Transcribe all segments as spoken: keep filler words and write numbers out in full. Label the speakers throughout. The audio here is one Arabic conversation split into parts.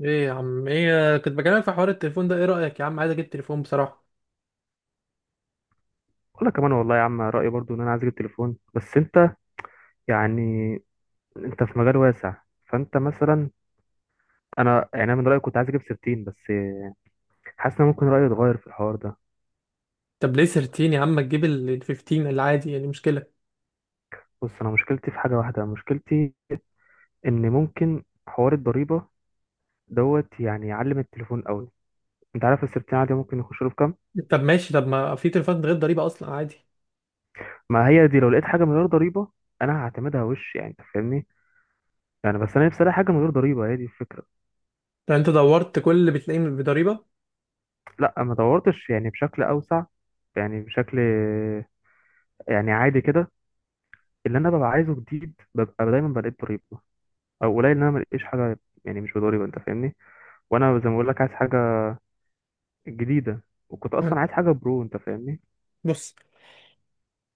Speaker 1: ايه يا عم؟ ايه كنت بكلمك في حوار التليفون ده. ايه رأيك يا عم؟ عايز اجيب تليفون بصراحة.
Speaker 2: ولا كمان، والله يا عم، رأيي برضو ان انا عايز اجيب تليفون. بس انت يعني انت في مجال واسع، فانت مثلا، انا يعني أنا من رأيي كنت عايز اجيب ستاشر بس. حاسس ان ممكن رأيي يتغير في الحوار ده.
Speaker 1: طب ليه تلتاشر يا عم؟ ما تجيب ال ال خمستاشر العادي؟ يعني مشكلة؟
Speaker 2: بص، انا مشكلتي في حاجة واحدة، مشكلتي ان ممكن حوار الضريبة دوت يعني يعلم التليفون قوي. انت عارف ال ستاشر عادي ممكن يخش له بكام؟
Speaker 1: طب ماشي. طب ما في تليفونات غير ضريبة اصلا عادي.
Speaker 2: ما هي دي، لو لقيت حاجة من غير ضريبة انا هعتمدها وش، يعني انت فاهمني. يعني بس انا نفسي الاقي حاجة من غير ضريبة، هي دي الفكرة.
Speaker 1: لو انت دورت كل اللي بتلاقيه بضريبة.
Speaker 2: لا، ما دورتش يعني بشكل اوسع، يعني بشكل، يعني عادي كده. اللي انا ببقى عايزه جديد ببقى دايما بلاقيه بضريبه، او قليل ان انا ملاقيش حاجه يعني مش بضريبه، انت فاهمني. وانا زي ما بقول لك عايز حاجه جديده، وكنت
Speaker 1: عن-
Speaker 2: اصلا عايز حاجه برو، انت فاهمني.
Speaker 1: بص،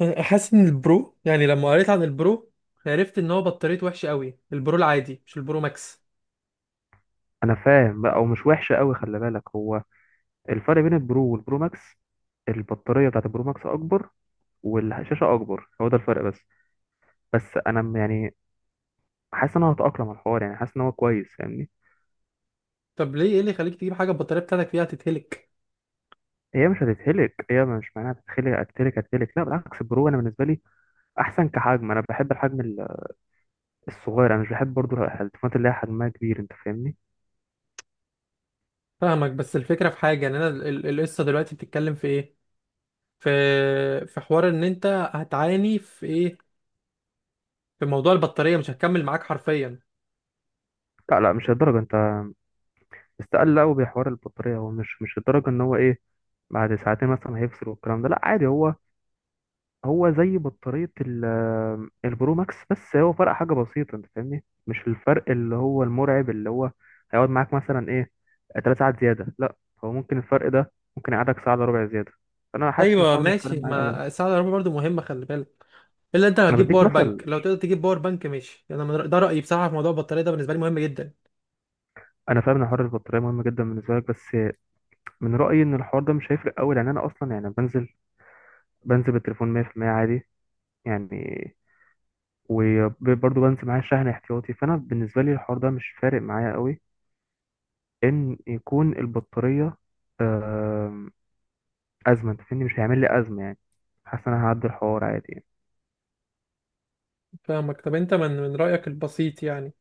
Speaker 1: انا حاسس ان البرو، يعني لما قريت عن البرو عرفت ان هو بطاريته وحشة قوي، البرو العادي مش البرو ماكس.
Speaker 2: انا فاهم بقى، ومش وحشه قوي، خلي بالك. هو الفرق بين البرو والبرو ماكس، البطاريه بتاعت البرو ماكس اكبر، والشاشه اكبر، هو ده الفرق بس. بس انا م- يعني حاسس ان انا هتاقلم على الحوار، يعني حاسس ان هو كويس، فاهمني.
Speaker 1: طب ليه؟ ايه اللي يخليك تجيب حاجة البطارية بتاعتك فيها تتهلك؟
Speaker 2: هي مش هتتهلك، هي مش معناها هتتخلق. هتتهلك هتتهلك، لا بالعكس، البرو انا بالنسبه لي احسن كحجم، انا بحب الحجم الصغير، انا مش بحب برضو التليفونات اللي هي حجمها كبير، انت فاهمني.
Speaker 1: فاهمك، بس الفكرة في حاجة، ان انا ال- ال- القصة دلوقتي بتتكلم في ايه؟ في، في حوار ان انت هتعاني في ايه، في موضوع البطارية مش هتكمل معاك حرفيا.
Speaker 2: لا لا، مش الدرجه. انت استقل قوي بحوار البطاريه. هو مش مش الدرجه ان هو ايه، بعد ساعتين مثلا هيفصل والكلام ده، لا عادي. هو هو زي بطاريه ال- آمم، البرو ماكس، بس هو فرق حاجه بسيطه، انت فاهمني، مش الفرق اللي هو المرعب اللي هو هيقعد معاك مثلا ايه، ثلاث ساعات زياده، لا. هو ممكن الفرق ده ممكن يقعدك ساعه الا ربع زياده، فانا حاسس ان
Speaker 1: ايوه
Speaker 2: الحوار مش فارق
Speaker 1: ماشي،
Speaker 2: معايا قوي.
Speaker 1: ما الساعة الكهرباء برضو مهمة خلي بالك. الا انت
Speaker 2: انا
Speaker 1: هتجيب
Speaker 2: بديك
Speaker 1: باور بانك؟
Speaker 2: مثل،
Speaker 1: لو تقدر تجيب باور بانك ماشي. انا من رأ- ده رأيي بصراحة في موضوع البطارية ده، بالنسبة لي مهم جدا.
Speaker 2: انا فاهم ان حوار البطاريه مهم جدا بالنسبه لك، بس من رأيي إن الحوار ده مش هيفرق أوي، لأن أنا أصلا يعني بنزل بنزل بالتليفون مية في المية عادي يعني، وبرضه بنزل معايا شحن احتياطي، فأنا بالنسبة لي الحوار ده مش فارق معايا أوي، إن يكون البطارية آم، أزمة. أنت فاهمني، مش هيعمل لي أزمة يعني، حاسس إن أنا هعدي الحوار عادي يعني.
Speaker 1: فاهمك. طب انت من من رأيك البسيط، يعني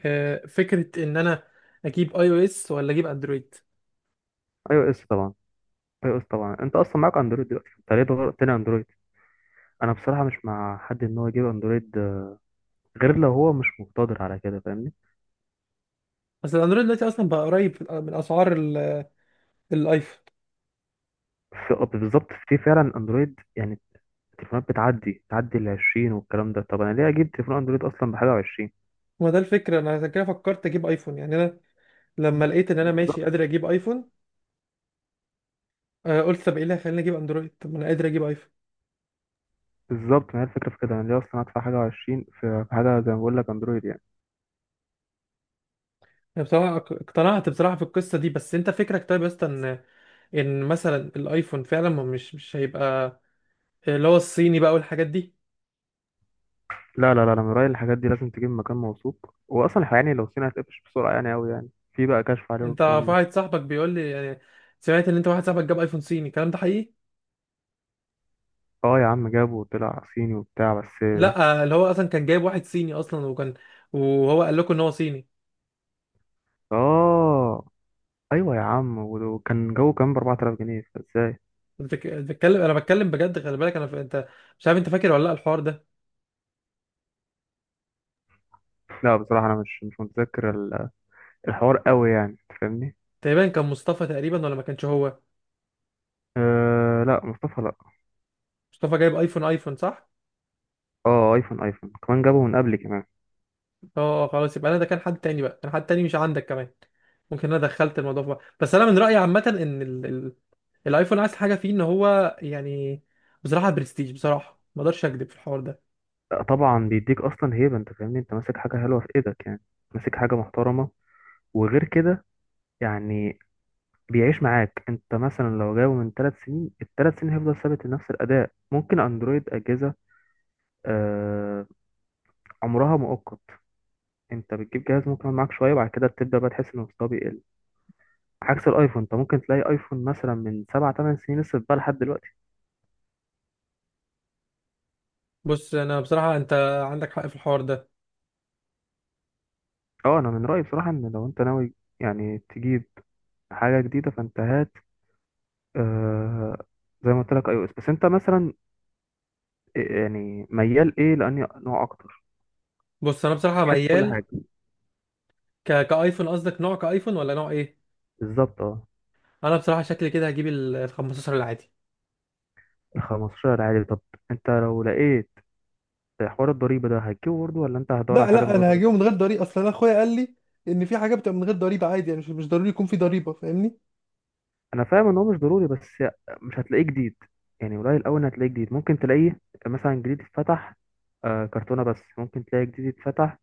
Speaker 1: آه، فكرة ان انا اجيب اي او اس ولا اجيب اندرويد؟
Speaker 2: أي أو إس طبعا، أي أو إس طبعا. أنت أصلا معاك أندرويد دلوقتي، أنت ليه غيرت لي أندرويد؟ أنا بصراحة مش مع حد إن هو يجيب أندرويد، آه، غير لو هو مش مقتدر على كده، فاهمني.
Speaker 1: اصل الاندرويد دلوقتي اصلا بقى قريب من اسعار ال- الايفون.
Speaker 2: في بالظبط، في فعلا أندرويد يعني، التليفونات بتعدي تعدي ال عشرين والكلام ده. طب انا ليه اجيب تليفون اندرويد اصلا بحاجه و20؟
Speaker 1: ما ده الفكرة، انا عشان كده فكرت اجيب ايفون. يعني انا لما لقيت ان انا ماشي
Speaker 2: بالظبط،
Speaker 1: قادر اجيب ايفون، آه، قلت طب ايه اللي هيخليني اجيب اندرويد؟ طب ما انا قادر اجيب ايفون.
Speaker 2: بالظبط. ما هي الفكره في كده، انا ليه اصلا ادفع حاجه و20 في في حاجه زي ما بقول لك اندرويد يعني.
Speaker 1: أنا بصراحة اق- اقتنعت بصراحة في القصة دي. بس انت فكرك طيب يا اسطى ان، ان مثلا الايفون فعلا ما مش مش هيبقى اللي هو الصيني بقى والحاجات دي؟
Speaker 2: لا لا لا، انا من رايي الحاجات دي لازم تجيب مكان موثوق، واصلا يعني لو صيني هتقفش بسرعه يعني، قوي يعني، في بقى كشف عليه
Speaker 1: انت،
Speaker 2: والكلام ده.
Speaker 1: واحد صاحبك بيقول لي يعني سمعت ان انت واحد صاحبك جاب ايفون صيني، الكلام ده حقيقي؟
Speaker 2: اه يا عم، جابه وطلع صيني وبتاع بس.
Speaker 1: لا، اللي هو اصلا كان جايب واحد صيني اصلا، وكان، وهو قال لكم ان هو صيني؟
Speaker 2: اه ايوه يا عم، وكان جوه كام، ب اربعة آلاف جنيه، فازاي؟
Speaker 1: بتك- بتكلم، انا بتكلم بجد خلي بالك. انا ف... انت مش عارف انت فاكر ولا لا الحوار ده؟
Speaker 2: لا بصراحه انا مش مش متذكر ال- الحوار قوي يعني، أنت فاهمني.
Speaker 1: تقريبا كان مصطفى، تقريبا ولا ما كانش هو؟
Speaker 2: أه لا، مصطفى لا.
Speaker 1: مصطفى جايب ايفون، ايفون صح؟
Speaker 2: اه، ايفون، ايفون كمان جابه من قبل كمان.
Speaker 1: اه اه، خلاص يبقى انا ده كان حد تاني بقى، كان حد تاني مش عندك كمان. ممكن انا دخلت الموضوع في بعض. بس انا من رايي عامه ان ال... ال... الايفون عايز حاجه فيه ان هو يعني بصراحه برستيج، بصراحه ما اقدرش اكذب في الحوار ده.
Speaker 2: آه، طبعا، بيديك اصلا هيبه، انت فاهمني، انت ماسك حاجه حلوه في ايدك يعني، ماسك حاجه محترمه، وغير كده يعني بيعيش معاك. انت مثلا لو جابه من ثلاث سنين، الثلاث سنين هيفضل ثابت نفس الاداء. ممكن اندرويد اجهزه آه عمرها مؤقت، انت بتجيب جهاز ممكن يقعد معاك شويه، وبعد كده بتبدا بقى تحس ان مستواه بيقل، عكس الايفون انت ممكن تلاقي ايفون مثلا من سبع ثمان سنين لسه بقى لحد دلوقتي.
Speaker 1: بص انا بصراحه، انت عندك حق في الحوار ده.
Speaker 2: اه، انا من رايي بصراحه ان لو انت ناوي يعني تجيب حاجه جديده، فانت هات آه زي ما قلت لك اي او اس. بس انت مثلا إيه- يعني ميال ايه، لاني نوع اكتر
Speaker 1: بص انا بصراحه
Speaker 2: من حيث كل
Speaker 1: ميال
Speaker 2: حاجه.
Speaker 1: ك... كايفون. قصدك نوع كايفون ولا نوع ايه؟
Speaker 2: بالظبط اه.
Speaker 1: انا بصراحه شكلي كده هجيب ال ال خمستاشر العادي.
Speaker 2: ال خمسة عشر عادي؟ طب انت لو لقيت حوار الضريبه ده هتجيبه برضه، ولا انت هتدور على
Speaker 1: لا
Speaker 2: حاجه من
Speaker 1: لا،
Speaker 2: غير
Speaker 1: انا هجيبه
Speaker 2: ضريبه؟
Speaker 1: من غير ضريبه اصلا. انا اخويا قال لي ان في حاجه بتبقى من غير ضريبه عادي، يعني مش مش ضروري يكون في ضريبه، فاهمني.
Speaker 2: انا فاهم ان هو مش ضروري، بس مش هتلاقيه جديد يعني، قليل قوي ان هتلاقيه جديد. ممكن تلاقيه مثلا جديد اتفتح، آه كرتونه بس، ممكن تلاقي جديد اتفتح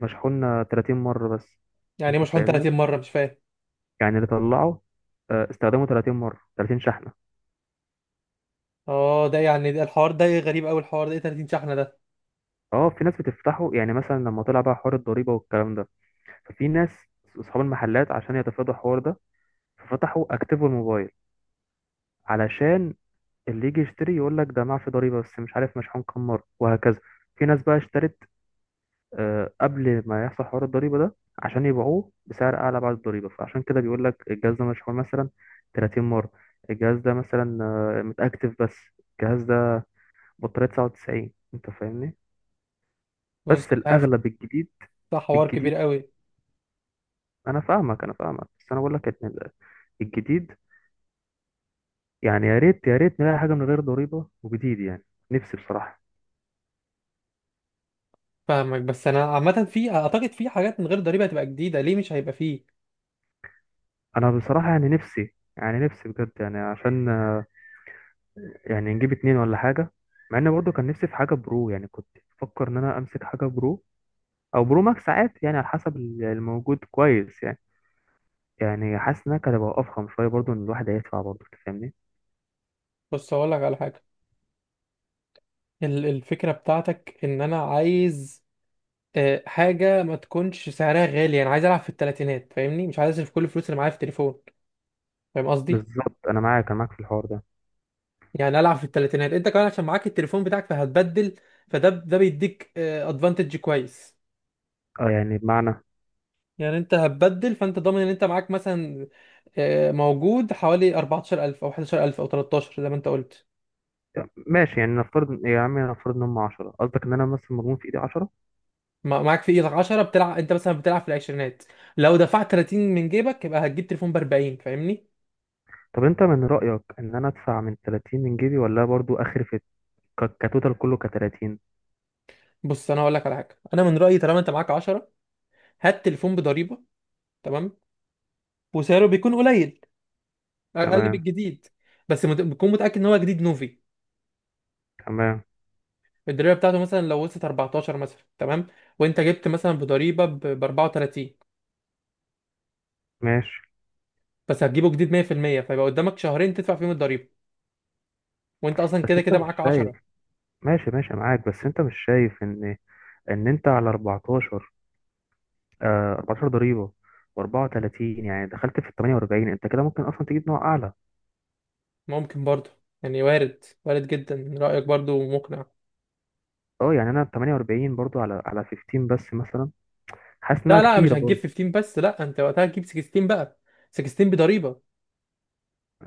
Speaker 2: مشحون تلاتين مره بس.
Speaker 1: يعني إيه
Speaker 2: انت
Speaker 1: مشحون
Speaker 2: فاهمني،
Speaker 1: 30 مره؟ مش فاهم.
Speaker 2: يعني اللي طلعه آه استخدمه ثلاثين مره، ثلاثين شحنه.
Speaker 1: اه ده يعني ده الحوار ده غريب قوي، الحوار ده ايه 30 شحنه ده؟
Speaker 2: اه، في ناس بتفتحه يعني، مثلا لما طلع بقى حوار الضريبة والكلام ده، ففي ناس اصحاب المحلات عشان يتفادوا الحوار ده ففتحوا اكتيفوا الموبايل، علشان اللي يجي يشتري يقول لك ده معفي ضريبة، بس مش عارف مشحون كام مرة وهكذا. في ناس بقى اشترت آه، قبل ما يحصل حوار الضريبة ده، عشان يبيعوه بسعر اعلى بعد الضريبة، فعشان كده بيقول لك الجهاز ده مشحون مثلا تلاتين مرة، الجهاز ده مثلا آه، متأكتف بس، الجهاز ده بطارية تسعة وتسعين، انت فاهمني.
Speaker 1: بص
Speaker 2: بس
Speaker 1: مش عارف،
Speaker 2: الاغلب الجديد،
Speaker 1: ده حوار كبير
Speaker 2: الجديد،
Speaker 1: قوي.
Speaker 2: انا فاهمك، انا فاهمك، بس انا بقول لك إن ال- الجديد يعني، يا ريت يا ريت نلاقي حاجه من غير ضريبه وجديد يعني، نفسي بصراحه.
Speaker 1: فاهمك، بس انا عامه في، اعتقد في حاجات من غير ضريبه هتبقى جديده، ليه مش هيبقى فيه؟
Speaker 2: انا بصراحه يعني نفسي، يعني نفسي بجد، يعني عشان آه، يعني نجيب اتنين ولا حاجه. مع ان برضه كان نفسي في حاجه برو يعني، كنت بفكر ان انا امسك حاجه برو او برو ماكس ساعات يعني، على حسب ال- الموجود كويس يعني، يعني حاسس انها كانت هتبقى افخم شويه برضه، ان الواحد هيدفع برضه أنت فاهمني.
Speaker 1: بص هقول لك على حاجه. ال- الفكره بتاعتك ان انا عايز آه، حاجه ما تكونش سعرها غالي، انا عايز العب في الثلاثينات فاهمني، مش عايز اصرف كل الفلوس اللي معايا في التليفون. فاهم قصدي؟
Speaker 2: بالظبط، انا معاك، انا معاك في الحوار ده.
Speaker 1: يعني العب في الثلاثينات انت كمان عشان معاك التليفون بتاعك فهتبدل، فده ده بيديك ادفانتج كويس.
Speaker 2: اه يعني بمعنى،
Speaker 1: يعني انت هتبدل، فانت ضامن ان انت معاك مثلا، آه، موجود حوالي اربعتاشر الف او احد عشر الف او تلتاشر زي ما انت قلت.
Speaker 2: ماشي. يعني نفترض يا عمي، نفترض ان هم عشرة، قصدك ان انا مثلا مضمون في ايدي عشرة.
Speaker 1: مع- معاك في ايدك عشرة، بتلعب انت مثلا بتلعب في العشرينات. لو دفعت تلاتين من جيبك يبقى هتجيب تليفون ب اربعين فاهمني.
Speaker 2: طب انت من رأيك ان انا ادفع من ثلاثين من جيبي، ولا برضو اخر في ك- كتوتال كله ك ثلاثين؟
Speaker 1: بص انا هقول لك على حاجه. انا من رايي طالما انت معاك عشرة، هات تليفون بضريبه، تمام، وسعره بيكون قليل، اقل من
Speaker 2: تمام،
Speaker 1: الجديد. بس مت- بتكون متاكد ان هو جديد نوفي.
Speaker 2: تمام،
Speaker 1: الضريبه بتاعته مثلا لو وصلت اربعتاشر مثلا، تمام، وانت جبت مثلا بضريبه ب اربعة وتلاتين،
Speaker 2: ماشي.
Speaker 1: بس هتجيبه جديد ميه في الميه، فيبقى قدامك شهرين تدفع فيهم الضريبة، وانت اصلا
Speaker 2: بس
Speaker 1: كده
Speaker 2: انت
Speaker 1: كده
Speaker 2: مش
Speaker 1: معاك
Speaker 2: شايف،
Speaker 1: عشرة.
Speaker 2: ماشي ماشي معاك، بس انت مش شايف ان ان انت على اربعتاشر، آه اربعتاشر ضريبة، و34، يعني دخلت في ال تمنية واربعين. انت كده ممكن اصلا تجيب نوع اعلى.
Speaker 1: ممكن برضه، يعني وارد، وارد جدا، رأيك برضه مقنع.
Speaker 2: اه يعني، انا ثمانية واربعين برضو على على خمستاشر بس مثلا، حاسس انها
Speaker 1: لا لا، مش
Speaker 2: كتيرة
Speaker 1: هتجيب
Speaker 2: برضو.
Speaker 1: خمستاشر بس، لا، انت وقتها هتجيب ستاشر بقى، ستاشر بضريبة.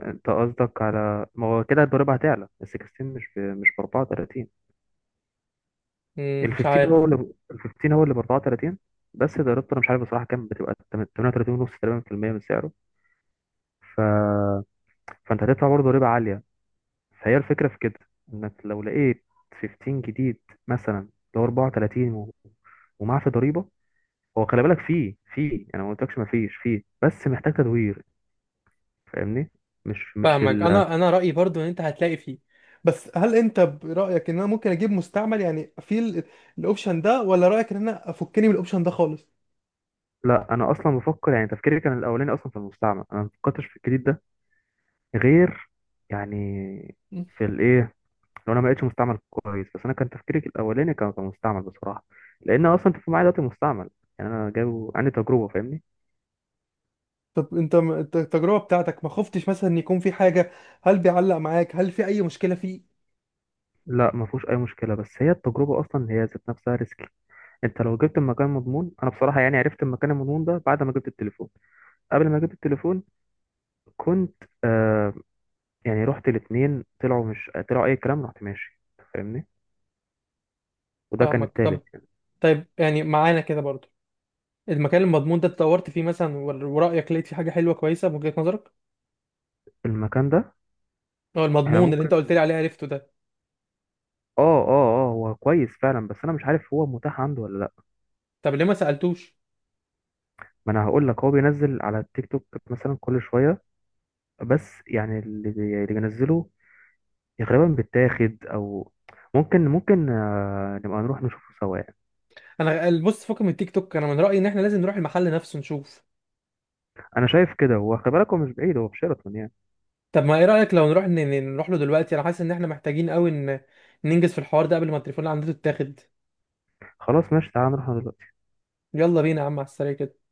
Speaker 2: انت قصدك على ما هو كده الضريبة هتعلى ال ستة عشر؟ مش ب... مش ب اربعة وتلاتين؟
Speaker 1: مم،
Speaker 2: ال
Speaker 1: مش
Speaker 2: خمستاشر
Speaker 1: عارف.
Speaker 2: هو اللي ب- ال خمسة عشر هو اللي ب اربعة وتلاتين، بس ضريبته انا مش عارف بصراحة كام بتبقى، تمنية وتلاتين ونص تقريبا في المية من سعره، ف... فانت هتدفع برضه ضريبة عالية. فهي الفكرة في كده، انك لو لقيت خمستاشر جديد مثلا، اللي هو اربعة وتلاتين و... ومعاه في ضريبة. هو خلي بالك فيه فيه انا ما قلتلكش ما فيش، فيه بس محتاج تدوير، فاهمني، مش مش
Speaker 1: فاهمك. انا انا رأيي برضه ان انت هتلاقي فيه. بس هل انت برأيك ان انا ممكن اجيب مستعمل، يعني في ال- الاوبشن ده، ولا رأيك ان انا افكني من الاوبشن ده خالص؟
Speaker 2: لا. انا اصلا بفكر يعني، تفكيري كان الاولاني اصلا في المستعمل، انا ما فكرتش في الجديد ده غير يعني
Speaker 1: مم.
Speaker 2: في الايه، لو انا ما لقيتش مستعمل كويس، بس انا كان تفكيري الاولاني كان في المستعمل بصراحه، لان اصلا انت معايا دلوقتي مستعمل يعني، انا جايبه عندي تجربه، فاهمني.
Speaker 1: طب انت م- الت- التجربة بتاعتك ما خفتش مثلا ان يكون في حاجة؟ هل بيعلق معاك؟ هل في اي مشكلة فيه؟
Speaker 2: لا، ما فيهوش اي مشكله، بس هي التجربه اصلا هي ذات نفسها ريسكي. انت لو جبت المكان مضمون، انا بصراحه يعني عرفت المكان المضمون ده بعد ما جبت التليفون، قبل ما جبت التليفون كنت آه يعني رحت الاثنين طلعوا مش طلعوا اي كلام، رحت ماشي، فاهمني، وده كان
Speaker 1: فاهمك. طب،
Speaker 2: التالت.
Speaker 1: طيب يعني معانا كده برضو المكان المضمون ده اتطورت فيه مثلا ور- ورأيك لقيت فيه حاجة حلوة كويسة من وجهة نظرك؟
Speaker 2: المكان ده
Speaker 1: هو
Speaker 2: احنا
Speaker 1: المضمون اللي انت
Speaker 2: ممكن،
Speaker 1: قلت لي عليه عرفته ده؟
Speaker 2: اه اه اه هو كويس فعلا، بس انا مش عارف هو متاح عنده ولا لا.
Speaker 1: طب ليه ما سألتوش؟
Speaker 2: ما انا هقول لك، هو بينزل على التيك توك مثلا كل شويه، بس يعني اللي بي- اللي بينزله غالبا بيتاخد، او ممكن ممكن آه، نبقى نروح نشوفه سوا يعني.
Speaker 1: انا بص، فكك من التيك توك، انا من رأيي ان احنا لازم نروح المحل نفسه نشوف.
Speaker 2: انا شايف كده، هو خلي بالك هو مش بعيد، هو في شيراتون يعني.
Speaker 1: طب ما ايه رأيك لو نروح ن- ن- نروح له دلوقتي؟ انا حاسس ان احنا محتاجين قوي ان ننجز في الحوار ده قبل ما التليفون اللي عندنا يتاخد.
Speaker 2: خلاص ماشي، تعالى نروح دلوقتي.
Speaker 1: يلا بينا يا عم على السريع كده.